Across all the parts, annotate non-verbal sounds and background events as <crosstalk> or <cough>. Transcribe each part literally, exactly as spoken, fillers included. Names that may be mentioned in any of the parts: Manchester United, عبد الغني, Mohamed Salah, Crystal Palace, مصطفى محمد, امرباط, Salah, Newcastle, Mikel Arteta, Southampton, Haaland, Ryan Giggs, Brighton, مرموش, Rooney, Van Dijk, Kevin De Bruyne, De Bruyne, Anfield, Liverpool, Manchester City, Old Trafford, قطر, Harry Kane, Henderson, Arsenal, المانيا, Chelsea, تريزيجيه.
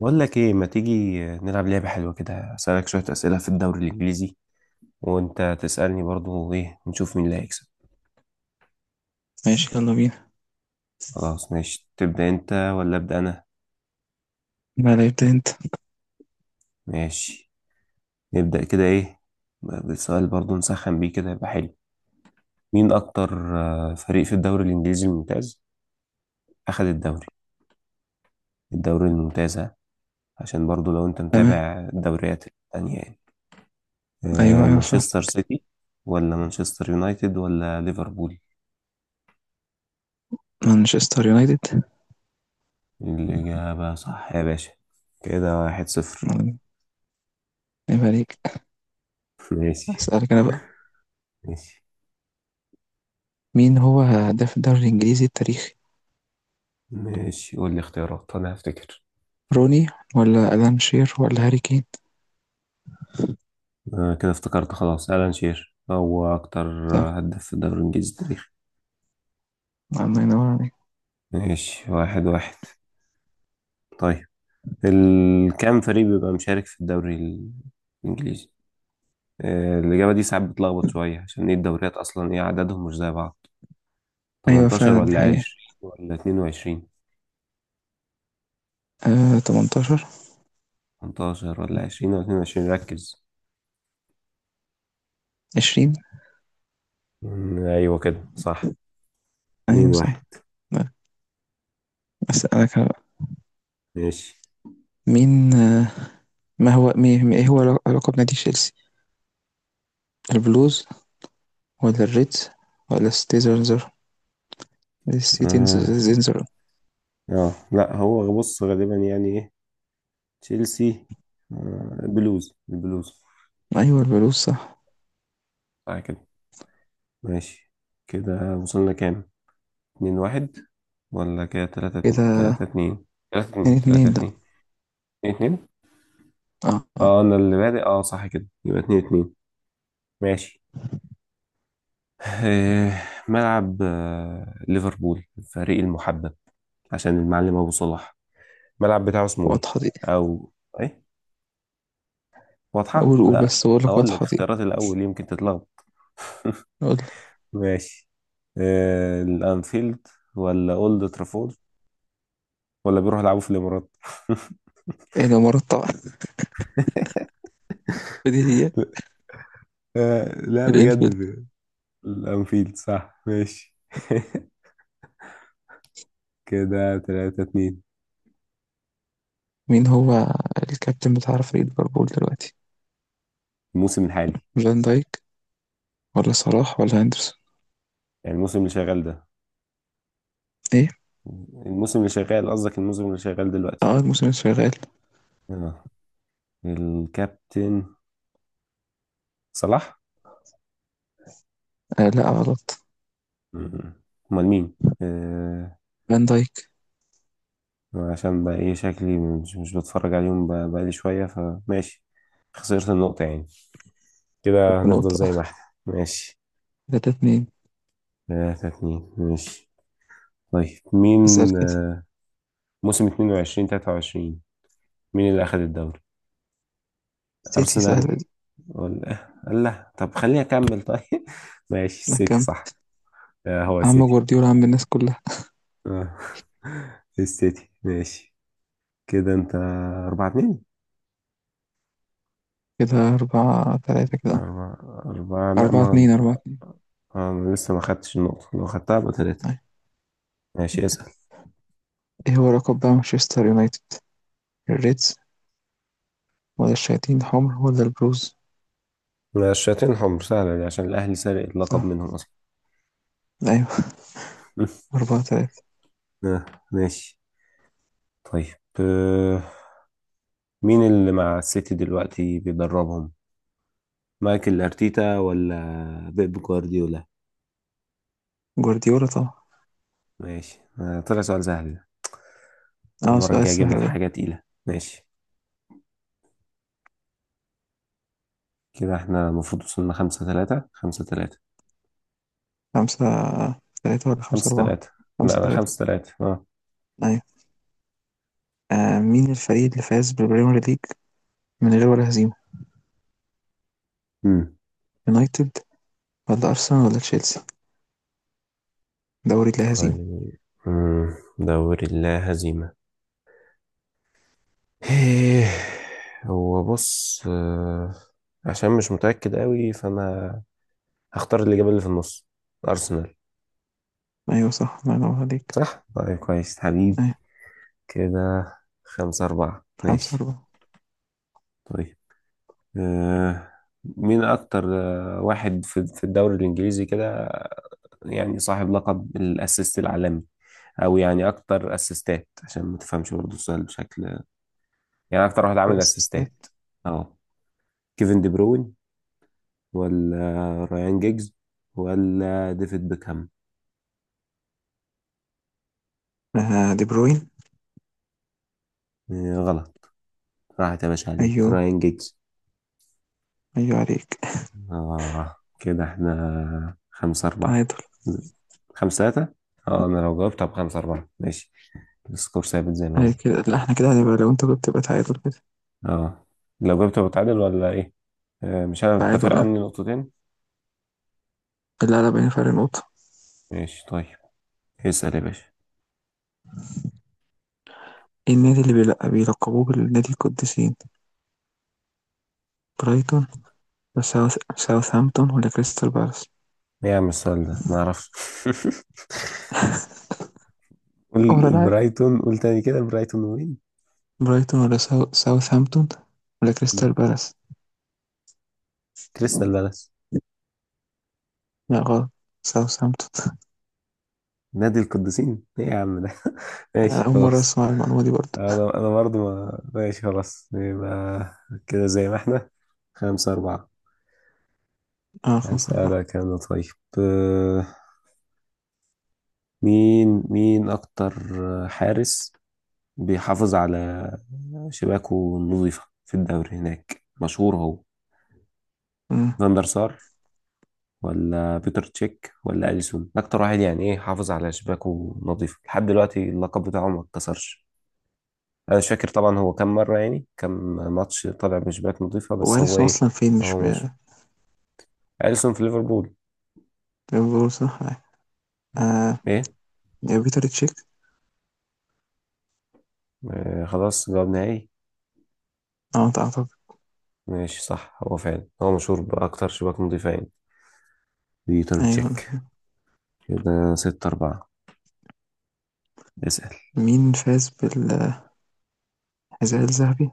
بقول لك ايه ما تيجي نلعب لعبة حلوة كده اسألك شوية أسئلة في الدوري الإنجليزي، وانت تسألني برضو ايه ونشوف مين اللي هيكسب. ماشي يلا بينا. خلاص ماشي، تبدأ انت ولا أبدأ انا؟ لا لا ابدا انت. ماشي نبدأ كده ايه، بسؤال برضو نسخن بيه كده يبقى حلو. مين اكتر آه، فريق في الدوري الإنجليزي الممتاز أخد الدوري، الدوري الممتاز ها؟ عشان برضو لو انت تمام. متابع الدوريات التانية يعني. ايوه آه، ايوه فاهم. مانشستر سيتي ولا مانشستر يونايتد ولا ليفربول؟ مانشستر يونايتد. الإجابة صح يا باشا، كده واحد صفر. عيب عليك. ماشي اسالك انا بقى. ماشي. مين هو هداف الدوري الانجليزي التاريخي؟ ماشي قول لي اختيارات أنا هفتكر. روني ولا الان شير ولا هاري كين؟ آه كده افتكرت، خلاص ألان شير هو أكتر صح. هداف في الدوري الإنجليزي التاريخي. الله ينور عليك. ماشي واحد واحد. طيب، ال- كام فريق بيبقى مشارك في الدوري ال- الإنجليزي؟ آه الإجابة دي ساعات بتلخبط شوية عشان إيه، الدوريات أصلا إيه عددهم مش زي بعض. ايوه تمنتاشر فعلا دي ولا حقيقة. عشرين ولا اتنين وعشرين، آه تمنتاشر تمنتاشر ولا عشرين ولا اتنين وعشرين، ركز. عشرون. مم، أيوة كده صح. اتنين ايوه صح. واحد. لا، اسالك انا بقى. ماشي. مين آه ما هو مي- مي- ايه هو لق- لقب نادي تشيلسي؟ البلوز ولا الريدز ولا الستيزرزر اه. الستيتنزر؟ آه، لا، هو بص غالبا يعني ايه، تشيلسي، آه بلوز البلوز. ايوه البلوز صح صح كده، ماشي. كده وصلنا كام، اتنين واحد ولا كده تلاتة اتنين كده. تلاتة اتنين تلاتة اتنين اتنين تلاتة اتنين. اتنين. اتنين اتنين آه، آه، اه انا اللي بادئ، اه صح كده يبقى اتنين اتنين. ماشي. <laughs> آه، ملعب، آه ليفربول الفريق المحبب عشان المعلم ابو صلاح، الملعب بتاعه اسمه ايه؟ واضحة دي. او ايه، واضحة؟ قول قول، لا بس بقول لك هقول لك واضحة دي. اختيارات الأول يمكن تتلخبط. قول لي. <laughs> ماشي. آه، الأنفيلد ولا أولد ترافورد ولا بيروحوا يلعبوا في الإمارات؟ <laughs> ايه ده مرتب؟ <laughs> دي هي آه، لا بجد، الانفيلد. ب- الأنفيلد صح، ماشي. <laughs> كده تلاتة اتنين. مين هو الكابتن بتاع فريق ليفربول دلوقتي؟ الموسم الحالي، فان دايك ولا صلاح ولا هندرسون؟ يعني الموسم اللي شغال ده، ايه. الموسم اللي شغال قصدك، الموسم اللي شغال دلوقتي. اه الموسم الشغال. آه. الكابتن صلاح. آه لا غلط. مم. أمال مين؟ آه، فان دايك. عشان بقى ايه، شكلي مش مش بتفرج عليهم بقى- بقالي شوية، فماشي، خسرت النقطة يعني. كده هنفضل بنقطة. زي ما احنا. ماشي. تلاتة اتنين. تلاتة اتنين ماشي. طيب مين، اسأل كده. آه، موسم اتنين وعشرين تلاتة وعشرين مين اللي أخد الدوري؟ سيتي أرسنال سهلة دي. ولا، لا طب خليني أكمل طيب. <laughs> ماشي لا السيتي كام. صح. آه، هو عم السيتي. جوارديولا، عم الناس كلها. آه. <laughs> السيتي ماشي. كده أنت أربعة اتنين. كده أربعة تلاتة كده. أربعة أربعة، لا أربعة ما، اتنين أربعة اتنين. آه، أنا لسه ما خدتش النقطة، لو خدتها يبقى تلاتة. أيوة. ماشي اسأل. ايه هو لقب بقى مانشستر يونايتد؟ الريدز ولا الشياطين الحمر ولا البلوز؟ لا، الشياطين حمر سهلة دي عشان الأهلي سرق اللقب صح. منهم أصلا. لا. <laughs> أربعة تلاتة. آه، ماشي. طيب آه، مين اللي مع السيتي دلوقتي بيدربهم، مايكل أرتيتا ولا بيب جوارديولا؟ جوارديولا طبعا. ماشي، آه، طلع سؤال سهل ده، اه المرة سؤال الجاية أجيب لك سهل ده. حاجة تقيلة، ماشي. كده احنا المفروض وصلنا خمسة تلاتة خمسة تلاتة خمسة تلاتة ولا خمسة خمسة أربعة؟ تلاتة لا خمسة لا تلاتة. خمسة تلاتة، اه. أيوة. آه مين الفريق اللي فاز بالبريمير ليج من غير ولا هزيمة؟ مم. يونايتد ولا أرسنال ولا تشيلسي؟ دوري لا هزيمة. طيب. مم. دوري اللا هزيمة، إيه، هو بص، آه، عشان مش متأكد قوي فأنا هختار الإجابة اللي في النص، أرسنال. أيوة صح، الله ينور عليك. صح؟ طيب كويس حبيب. أيوة. كده خمسة أربعة خمسة ماشي. أربعة. طيب آه، مين أكتر آه، واحد في في الدوري الإنجليزي كده، يعني صاحب لقب الأسيست العالمي، أو يعني أكتر أسيستات، عشان ما تفهمش برضه السؤال بشكل، يعني أكتر واحد عامل الأساسيات. أسيستات. أه، كيفن دي بروين ولا رايان جيجز ولا ديفيد بيكهام؟ آه دي بروين. إيه، غلط، راحت يا باشا عليك، أيوه رايان جيجز. أيوه عليك. آه كده احنا خمسة أربعة، تعادل. خمسة ثلاثة، اه أنا لو جاوبت هبقى خمسة أربعة، ماشي السكور ثابت زي ما أيوة هو. كده. لا احنا كده هنبقى لو انت كنت تبقى تعادل كده. اه لو جاوبت بتعادل ولا إيه؟ آه، مش أنا أنت فارق تعادل اه. عني نقطتين. لا لا بين فرق نقطة. ماشي طيب، اسأل يا باشا. إيه النادي اللي بيلق- بيلقبوه بالنادي القديسين؟ برايتون. بس ساوث، ساوثهامبتون ولا كريستال بالاس إيه يا عم السؤال ده، معرفش. <laughs> قول ولا العير؟ برايتون، قول تاني كده، برايتون وين؟ برايتون ولا ساو... ساوثهامبتون ولا مم. كريستال بالاس؟ كريستال بالاس. لا غلط. ساوثهامبتون. <laughs> نادي القديسين ايه يا عم ده! <laughs> أنا ماشي أول مرة خلاص. أسمع المعلومة دي برضه. انا انا برضه ما ماشي خلاص يبقى، كده زي ما احنا خمسة أربعة. آه خمسة أربعة. هسألك أنا طيب. آه، مين مين أكتر حارس بيحافظ على شباكه النظيفة في الدوري، هناك مشهور هو، أمم. فاندر سار ولا بيتر تشيك ولا أليسون؟ أكتر واحد يعني إيه حافظ على شباكه نظيفة لحد دلوقتي، اللقب بتاعه ما اتكسرش. انا مش فاكر طبعا هو كم مره، يعني كم ماتش طالع بنسبات نظيفه، هو بس هو أليسون ايه. أصلا فين؟ مش هو ب... مش، اليسون في ليفربول، بقول صح. آه ايه، يا بيتر تشيك. آه خلاص، جواب نهائي، اه أعتقد. ماشي. صح، هو فعلا هو مشهور باكتر شباك نظيفه يعني، بيتر أيوه. تشيك. كده ستة أربعة، اسأل. مين فاز بالحذاء الذهبي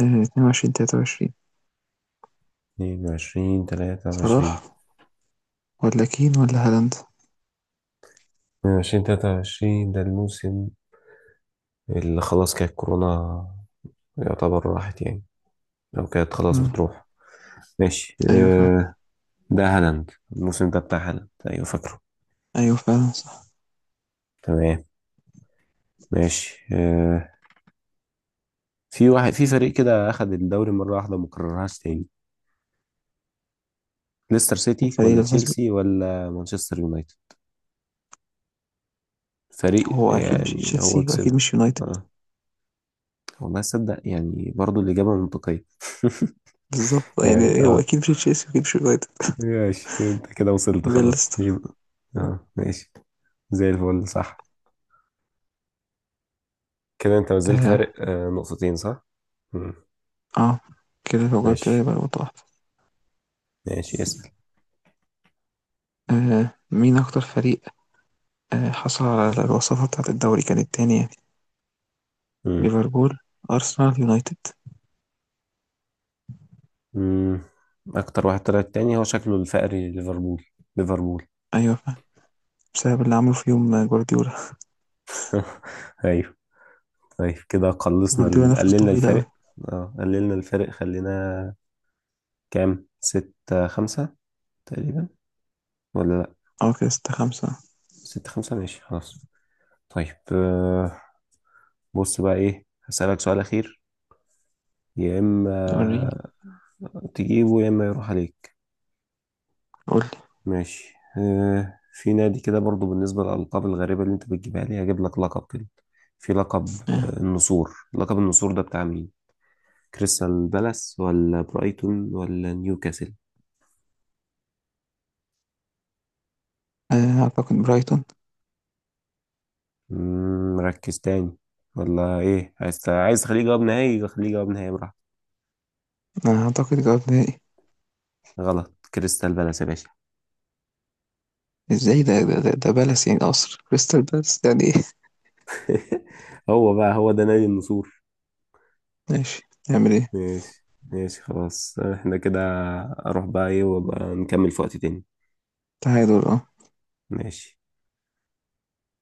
آه، اتنين وعشرين تلاتة وعشرين؟ اتنين وعشرين تلاتة وعشرين، صلاح ولا كين ولا هالاند؟ اتنين وعشرين تلاتة وعشرين ده الموسم اللي خلاص كانت كورونا، يعتبر راحت يعني، أو كانت خلاص مم. بتروح. ماشي، أيوه فعلا. آه، ده هالاند، الموسم ده بتاع هالاند، أيوة فاكره. أيوه فعلا صح. تمام ماشي. آه، في واحد في فريق كده اخد الدوري مره واحده وما كررهاش تاني، ليستر سيتي الفريق ولا اللي فاز تشيلسي ولا مانشستر يونايتد؟ فريق هو أكيد مش يعني هو تشيلسي وأكيد كسبها، مش يونايتد. اه. والله صدق، يعني برضو الاجابه منطقيه. بالظبط، <laughs> يعني يعني هو اه، أكيد مش تشيلسي وأكيد مش يونايتد. ماشي انت كده وصلت يبقى خلاص ليستر. يبقى، اه ماشي زي الفل، صح. كده انت نزلت فارق آه. آه نقطتين صح. مم. آه كده لو جبت ده ماشي يبقى نقطة واحدة. ماشي اسأل. آه مين أكتر فريق آه حصل على الوصافة بتاعة الدوري، كانت تاني يعني؟ مم. ليفربول، أرسنال، يونايتد؟ مم. اكتر واحد طلع التاني، هو شكله الفقري ليفربول، ليفربول. أيوة فاهم. بسبب اللي عمله في يوم آه، جوارديولا. <laughs> ايوه. طيب كده قلصنا جوارديولا ال- نفس قللنا طويل أوي. الفارق. اه قللنا الفارق، خلينا كام، ستة خمسة تقريبا ولا لأ؟ أه كده ستة خمسة. ستة خمسة ماشي خلاص. طيب آه، بص بقى إيه، هسألك سؤال أخير، يا وريني. إما تجيبه يا إما يروح عليك. قولي. ماشي، آه، في نادي كده برضو، بالنسبة للألقاب الغريبة اللي أنت بتجيبها لي هجيب لك لقب كده، في لقب آه. آه، النسور، لقب النسور ده بتاع مين، كريستال بالاس ولا برايتون ولا نيوكاسل؟ آه أعتقد برايتون. مم، مركز تاني ولا ايه، عايز عايز تخليه جواب نهائي، خليه جواب نهائي براحتك. أنا أعتقد جواب نهائي. غلط، كريستال بالاس يا باشا. ازاي ده؟ ده ده, ده بالاس يعني قصر، كريستال بالاس يعني ايه؟ <laughs> هو بقى هو ده نادي النسور. <laughs> ماشي، نعمل ايه. ماشي ماشي خلاص، احنا كده اروح بقى ايه، وابقى نكمل في وقت تاني. تعادل اه. ماشي.